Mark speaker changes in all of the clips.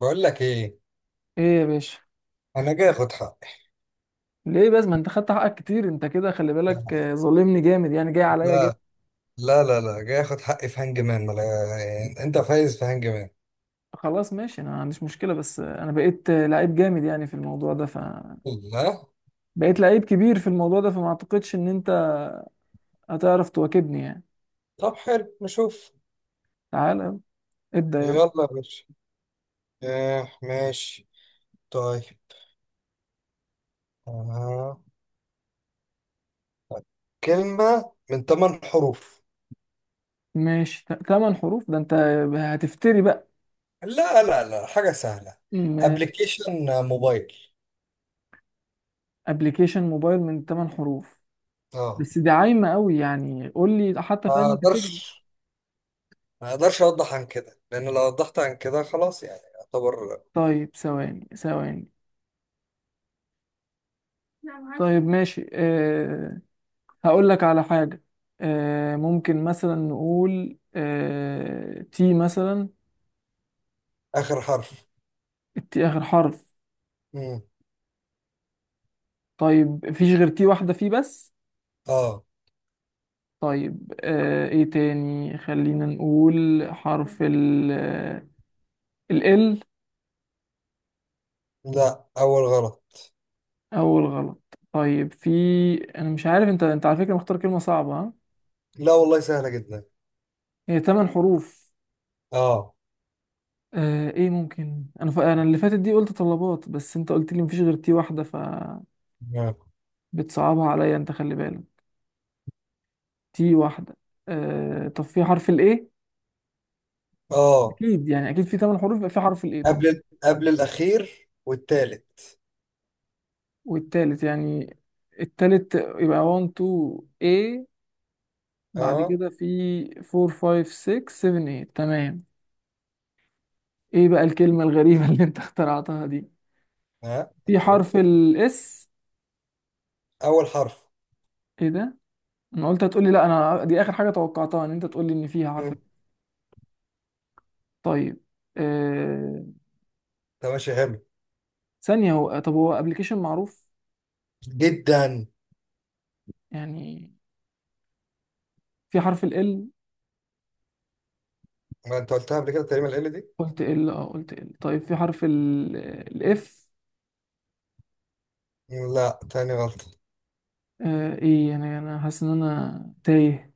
Speaker 1: بقول لك ايه.
Speaker 2: ايه يا باشا،
Speaker 1: انا جاي اخد حقي.
Speaker 2: ليه بس؟ ما انت خدت حقك كتير. انت كده خلي بالك.
Speaker 1: لا
Speaker 2: ظلمني جامد يعني، جاي عليا جامد.
Speaker 1: لا لا، لا جاي اخد حقي في هانج مان. ما لا- يعني انت فايز في هانج مان.
Speaker 2: خلاص ماشي، انا ما عنديش مشكله، بس انا بقيت لعيب جامد يعني في الموضوع ده
Speaker 1: لا.
Speaker 2: بقيت لعيب كبير في الموضوع ده، فما اعتقدش ان انت هتعرف تواكبني يعني.
Speaker 1: طب حلو نشوف.
Speaker 2: تعالى يلا، ابدا يلا.
Speaker 1: يلا يا باشا. آه ماشي. طيب. آه. كلمة من ثمان حروف.
Speaker 2: ماشي، تمن حروف؟ ده انت هتفتري بقى.
Speaker 1: لا لا لا، حاجة سهلة.
Speaker 2: ماشي،
Speaker 1: ابلكيشن موبايل.
Speaker 2: ابلكيشن موبايل من تمن حروف،
Speaker 1: اه.
Speaker 2: بس دي عايمه قوي يعني. قول لي حتى
Speaker 1: ما
Speaker 2: في انهي
Speaker 1: اقدرش،
Speaker 2: كاتيجوري.
Speaker 1: ما اقدرش اوضح عن كده، لان لو وضحت عن كده خلاص يعني يعتبر.
Speaker 2: طيب، ثواني ثواني. طيب ماشي هقول لك على حاجة. ممكن مثلا نقول تي مثلا.
Speaker 1: اخر حرف.
Speaker 2: التي آخر حرف؟
Speaker 1: مم.
Speaker 2: طيب مفيش غير تي واحدة فيه بس.
Speaker 1: اه.
Speaker 2: طيب ايه تاني؟ خلينا نقول حرف ال.
Speaker 1: لا، اول غلط.
Speaker 2: أول غلط؟ طيب، في. أنا مش عارف، أنت على فكرة مختار كلمة صعبة، ها؟
Speaker 1: لا والله سهلة جدا.
Speaker 2: هي تمن حروف.
Speaker 1: اه
Speaker 2: ايه ممكن؟ أنا اللي فاتت دي قلت طلبات، بس أنت قلت لي مفيش غير تي واحدة، فبتصعبها
Speaker 1: اه.
Speaker 2: عليا. أنت خلي بالك، تي واحدة. طب في حرف الايه؟
Speaker 1: آه.
Speaker 2: اكيد يعني، اكيد في ثمان حروف يبقى في حرف الايه طبعا.
Speaker 1: قبل الأخير والتالت.
Speaker 2: والتالت يعني. التالت يبقى 1 2 A، بعد
Speaker 1: اه.
Speaker 2: كده في 4 5 6 7 8. تمام. ايه بقى الكلمة الغريبة اللي انت اخترعتها دي؟
Speaker 1: ها
Speaker 2: في حرف
Speaker 1: هتشوف.
Speaker 2: الاس؟
Speaker 1: أول حرف.
Speaker 2: ايه ده! انا قلت هتقولي لا، انا دي اخر حاجة توقعتها ان انت تقولي ان فيها حرف ال.
Speaker 1: مم.
Speaker 2: طيب، آه...
Speaker 1: ده ماشي حلو.
Speaker 2: ثانية. هو طب هو ابلكيشن معروف
Speaker 1: جدا.
Speaker 2: يعني؟ في حرف ال L؟
Speaker 1: ما أنت قلتها قبل كده تقريبا ال دي.
Speaker 2: قلت ال قلت ال، طيب في حرف الاف؟
Speaker 1: لا، تاني غلطة.
Speaker 2: ايه يعني، انا حاسس ان انا تايه.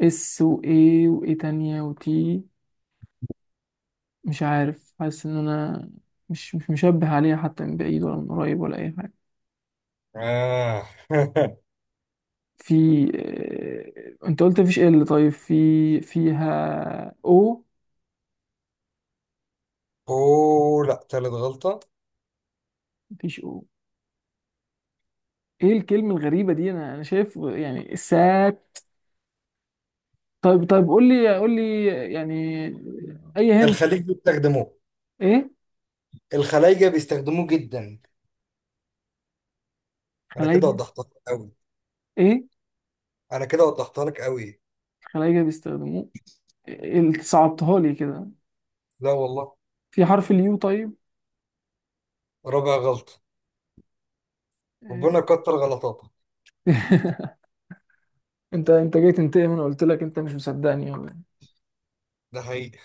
Speaker 2: اس وايه وايه تانية وتي، مش عارف. حاسس ان انا مش مشبه عليها حتى من بعيد ولا من قريب ولا اي حاجة.
Speaker 1: آه
Speaker 2: في انت قلت مفيش ال، طيب في فيها او؟
Speaker 1: أوه، لا، تالت غلطة.
Speaker 2: مفيش او! ايه الكلمة الغريبة دي؟ انا شايف يعني السات. طيب طيب، قول لي قول لي يعني. اي هند؟
Speaker 1: الخليج بيستخدموه.
Speaker 2: ايه؟
Speaker 1: الخلايجة بيستخدموه جدا. أنا كده
Speaker 2: خلايجة؟
Speaker 1: وضحتها لك أوي.
Speaker 2: ايه؟
Speaker 1: أنا كده وضحتها لك أوي.
Speaker 2: خلايجة بيستخدموه؟ صعبتها لي كده.
Speaker 1: لا والله.
Speaker 2: في حرف اليو طيب؟
Speaker 1: رابع غلطة. ربنا
Speaker 2: إيه.
Speaker 1: كتر غلطاتك.
Speaker 2: انت جاي تنتقم؟ انا قلت لك، انت مش مصدقني ولا إيه؟
Speaker 1: ده حقيقي.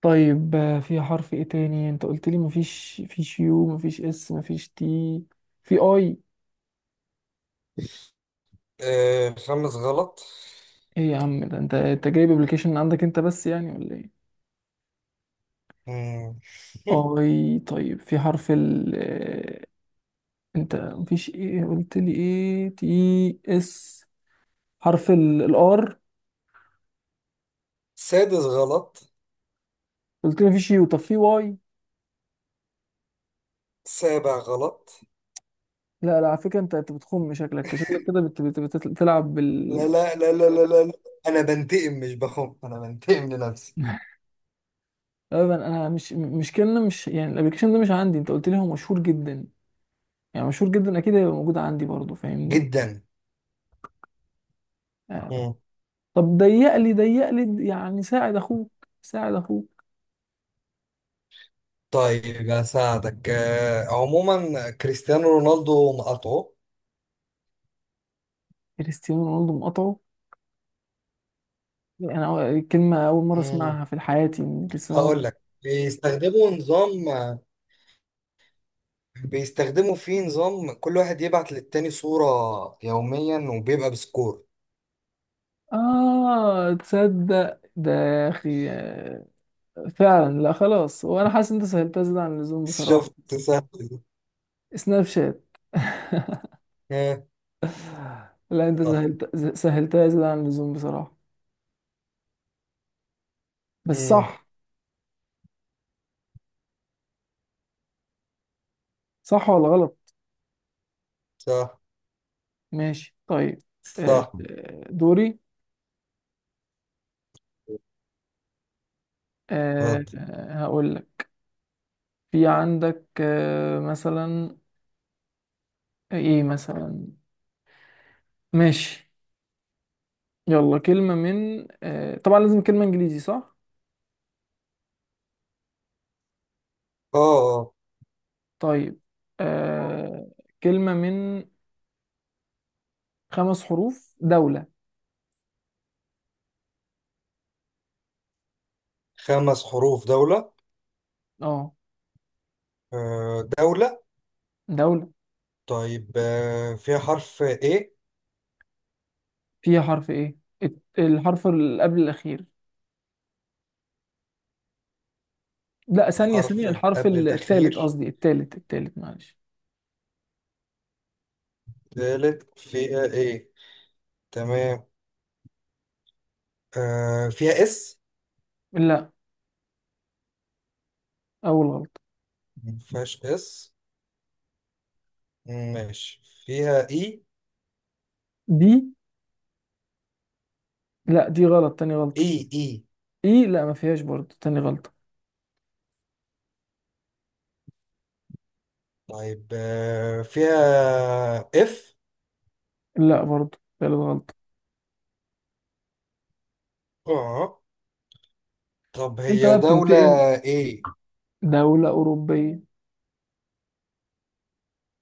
Speaker 2: طيب، في حرف ايه تاني؟ انت قلت لي مفيش يو، مفيش اس، مفيش تي. في اي؟
Speaker 1: آه خامس غلط.
Speaker 2: ايه يا عم ده! انت جايب ابلكيشن عندك انت بس يعني ولا ايه؟
Speaker 1: مم.
Speaker 2: اي، طيب في حرف ال انت مفيش ايه؟ قلت لي ايه تي اس. حرف الار؟
Speaker 1: سادس غلط.
Speaker 2: قلت لي مفيش يو، طب في واي؟
Speaker 1: سابع غلط.
Speaker 2: لا لا، على فكرة انت بتخم. شكلك شكلك كده بتلعب
Speaker 1: لا
Speaker 2: بال.
Speaker 1: لا لا لا لا لا لا. انا بنتقم مش بخم، انا بنتقم لنفسي.
Speaker 2: ابدا، انا مش كلمة. مش يعني الابلكيشن ده مش عندي، انت قلت لي هو مشهور جدا، يعني مشهور جدا اكيد هيبقى موجود عندي برضه، فاهمني.
Speaker 1: جدا.
Speaker 2: آه.
Speaker 1: مم.
Speaker 2: طب ضيق لي ضيق لي يعني، ساعد اخوك، ساعد اخوك.
Speaker 1: طيب هساعدك. آه، عموما كريستيانو رونالدو نقطعه.
Speaker 2: كريستيانو رونالدو مقاطعه؟ انا الكلمة اول مرة
Speaker 1: مم.
Speaker 2: اسمعها في حياتي من كريستيانو
Speaker 1: هقول
Speaker 2: رونالدو.
Speaker 1: لك بيستخدموا نظام، بيستخدموا فيه نظام كل واحد يبعت للتاني صورة يوميا وبيبقى بسكور.
Speaker 2: اه تصدق ده يا اخي، فعلا. لا خلاص، وانا حاسس ان انت سهلتها زيادة عن اللزوم بصراحة.
Speaker 1: شفت؟ سهل.
Speaker 2: سناب شات؟
Speaker 1: آه،
Speaker 2: لا انت
Speaker 1: صح.
Speaker 2: سهلتها زيادة عن اللزوم بصراحة. بس
Speaker 1: مم.
Speaker 2: صح. صح ولا غلط؟
Speaker 1: صح.
Speaker 2: ماشي، طيب.
Speaker 1: صح.
Speaker 2: دوري.
Speaker 1: غلط.
Speaker 2: هقول لك. في عندك مثلا، ايه مثلا؟ ماشي. يلا كلمة من طبعا لازم كلمة انجليزي، صح؟
Speaker 1: اه اه.
Speaker 2: طيب، آه، كلمة من خمس حروف، دولة.
Speaker 1: خمس حروف دولة.
Speaker 2: اه،
Speaker 1: آه، دولة.
Speaker 2: دولة.
Speaker 1: طيب آه، فيها حرف ايه.
Speaker 2: فيها حرف ايه؟ الحرف اللي قبل الأخير. لا ثانية
Speaker 1: حرف
Speaker 2: ثانية، الحرف
Speaker 1: قبل
Speaker 2: التالت،
Speaker 1: الأخير.
Speaker 2: قصدي التالت، معلش.
Speaker 1: تالت فيها ايه. تمام. آه، فيها اس.
Speaker 2: لا، أول غلطة.
Speaker 1: مفيهاش اس. ماشي فيها اي.
Speaker 2: بي؟ لا دي غلط، تاني غلطة.
Speaker 1: اي اي.
Speaker 2: إي؟ لا ما فيهاش برضه، تاني غلطة.
Speaker 1: طيب آه، فيها اف.
Speaker 2: لا، برضه تالت غلطة.
Speaker 1: اه. طب
Speaker 2: أنت
Speaker 1: هي
Speaker 2: بقى
Speaker 1: دولة.
Speaker 2: بتنتقم.
Speaker 1: ايه.
Speaker 2: دولة أوروبية،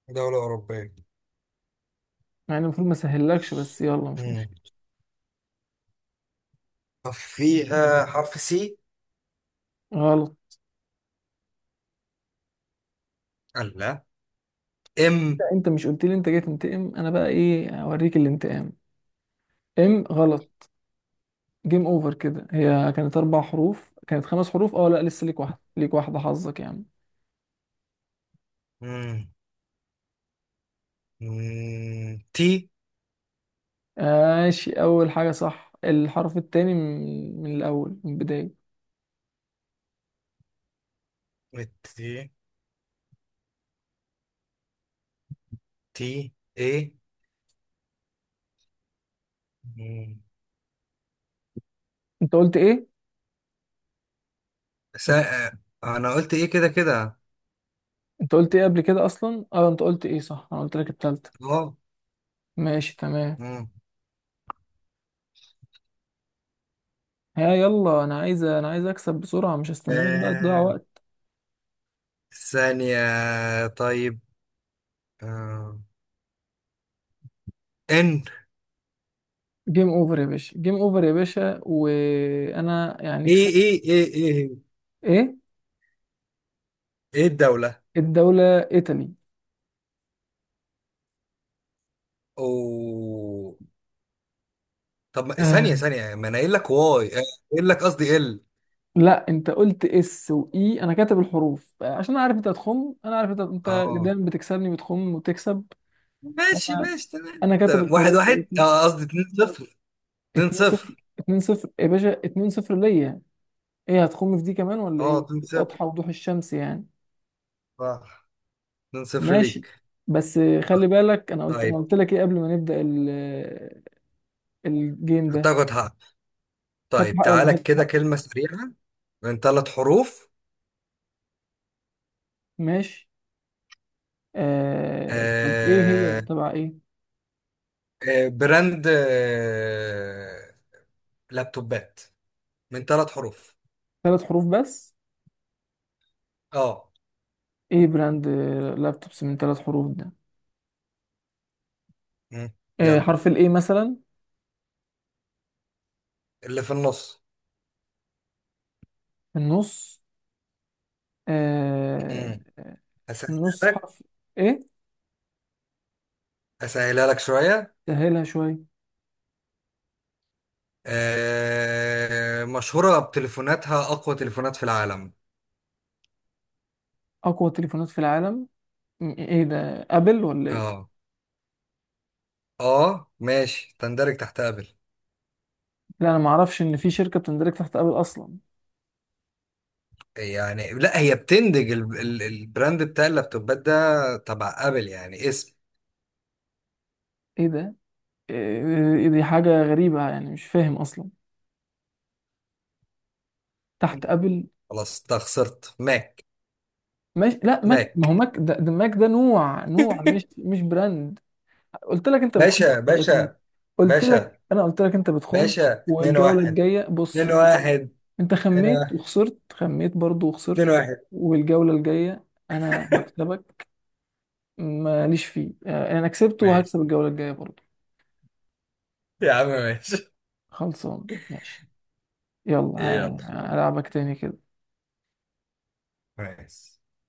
Speaker 1: دولة أوروبية.
Speaker 2: يعني المفروض ما سهلكش، بس يلا مش
Speaker 1: مم.
Speaker 2: مشكلة.
Speaker 1: طب فيها حرف سي.
Speaker 2: غلط.
Speaker 1: لا. ام.
Speaker 2: لا أنت مش قلت لي أنت جاي تنتقم؟ أنا بقى إيه، أوريك الانتقام. إم، غلط. جيم أوفر كده. هي كانت أربع حروف؟ كانت خمس حروف. لا، لسه ليك واحدة، ليك واحدة، حظك يعني.
Speaker 1: مم، تي.
Speaker 2: ماشي، اول حاجة صح. الحرف التاني من الاول، من البداية.
Speaker 1: والتي. تي ايه. مم.
Speaker 2: انت قلت ايه؟
Speaker 1: سا... انا قلت ايه كده كده.
Speaker 2: انت قلت ايه قبل كده اصلا؟ اه انت قلت ايه صح، انا قلت لك التالتة.
Speaker 1: اه.
Speaker 2: ماشي تمام.
Speaker 1: مم.
Speaker 2: ها يلا، انا عايز اكسب بسرعة، مش هستناك بقى تضيع
Speaker 1: آه،
Speaker 2: وقت.
Speaker 1: ثانية. طيب. آه. ان.
Speaker 2: جيم اوفر يا باشا، جيم اوفر يا باشا، وانا يعني
Speaker 1: ايه
Speaker 2: كسبت.
Speaker 1: ايه ايه ايه.
Speaker 2: ايه
Speaker 1: ايه الدولة.
Speaker 2: الدولة؟ ايطالي.
Speaker 1: او. طب ما-
Speaker 2: آه.
Speaker 1: ثانية ثانية، ما انا قايل لك واي آه، قايل لك قصدي ال.
Speaker 2: لا انت قلت اس واي، انا كاتب الحروف عشان اعرف. انت هتخم، انا عارف انت
Speaker 1: اه.
Speaker 2: دايما بتكسبني، بتخم وتكسب.
Speaker 1: ماشي ماشي، تمام
Speaker 2: انا كاتب
Speaker 1: تمام. واحد
Speaker 2: الحروف،
Speaker 1: واحد، اه قصدي اتنين صفر. اتنين
Speaker 2: 2 0.
Speaker 1: صفر.
Speaker 2: 2 0 يا باشا، 2 0 ليا. ايه، هتخم في دي كمان ولا
Speaker 1: اه
Speaker 2: ايه؟
Speaker 1: اتنين صفر.
Speaker 2: واضحه وضوح الشمس يعني.
Speaker 1: صح. اتنين صفر
Speaker 2: ماشي،
Speaker 1: ليك.
Speaker 2: بس خلي بالك، انا
Speaker 1: طيب
Speaker 2: قلت لك ايه قبل ما نبدا الجيم ده؟
Speaker 1: هتاخد حق.
Speaker 2: خدت
Speaker 1: طيب
Speaker 2: حقي ولا ما
Speaker 1: تعالى
Speaker 2: خدتش
Speaker 1: كده
Speaker 2: حقي؟
Speaker 1: كلمة سريعة. من ثلاث حروف.
Speaker 2: ماشي. طب ايه هي؟
Speaker 1: آه
Speaker 2: تبع ايه؟
Speaker 1: آه، براند آه لابتوبات. من ثلاث حروف.
Speaker 2: ثلاث حروف بس؟
Speaker 1: اه.
Speaker 2: ايه براند لابتوبس من ثلاث حروف ده؟
Speaker 1: مم. يلا.
Speaker 2: حرف الايه مثلا،
Speaker 1: اللي في النص.
Speaker 2: في النص؟ آه...
Speaker 1: مم.
Speaker 2: في
Speaker 1: اسهلها
Speaker 2: النص
Speaker 1: لك.
Speaker 2: حرف ايه.
Speaker 1: اسهلها لك شوية.
Speaker 2: سهلها شويه.
Speaker 1: آه مشهورة بتليفوناتها، اقوى تليفونات في العالم.
Speaker 2: اقوى تليفونات في العالم؟ ايه ده، ابل ولا ايه؟
Speaker 1: اه. اه ماشي، تندرج تحت ابل.
Speaker 2: لا انا ما اعرفش ان في شركه بتندرج تحت ابل اصلا.
Speaker 1: يعني لا، هي بتندج البراند بتاع اللابتوبات ده تبع ابل، يعني اسم.
Speaker 2: ايه ده؟ إيه إيه، دي حاجه غريبه يعني، مش فاهم اصلا تحت ابل.
Speaker 1: خلاص انت خسرت. ماك.
Speaker 2: ماشي. لا ماك، ما هو
Speaker 1: ماك.
Speaker 2: ماك ده ماك، ده نوع، نوع، مش براند. قلت لك انت بتخون في
Speaker 1: باشا
Speaker 2: الذاتية.
Speaker 1: باشا.
Speaker 2: قلت لك،
Speaker 1: باشا
Speaker 2: انت بتخون.
Speaker 1: باشا 2
Speaker 2: والجوله
Speaker 1: 1.
Speaker 2: الجايه بص،
Speaker 1: 2
Speaker 2: انت برضه.
Speaker 1: 1.
Speaker 2: انت
Speaker 1: 2
Speaker 2: خميت
Speaker 1: 1.
Speaker 2: وخسرت، خميت برضه وخسرت.
Speaker 1: 2 1.
Speaker 2: والجوله الجايه انا هكسبك، ماليش فيه. انا كسبت،
Speaker 1: ماشي.
Speaker 2: وهكسب الجوله الجايه برضه.
Speaker 1: يا عم ماشي.
Speaker 2: خلصان؟ ماشي، يلا.
Speaker 1: يلا
Speaker 2: ألعبك تاني كده.
Speaker 1: ماشي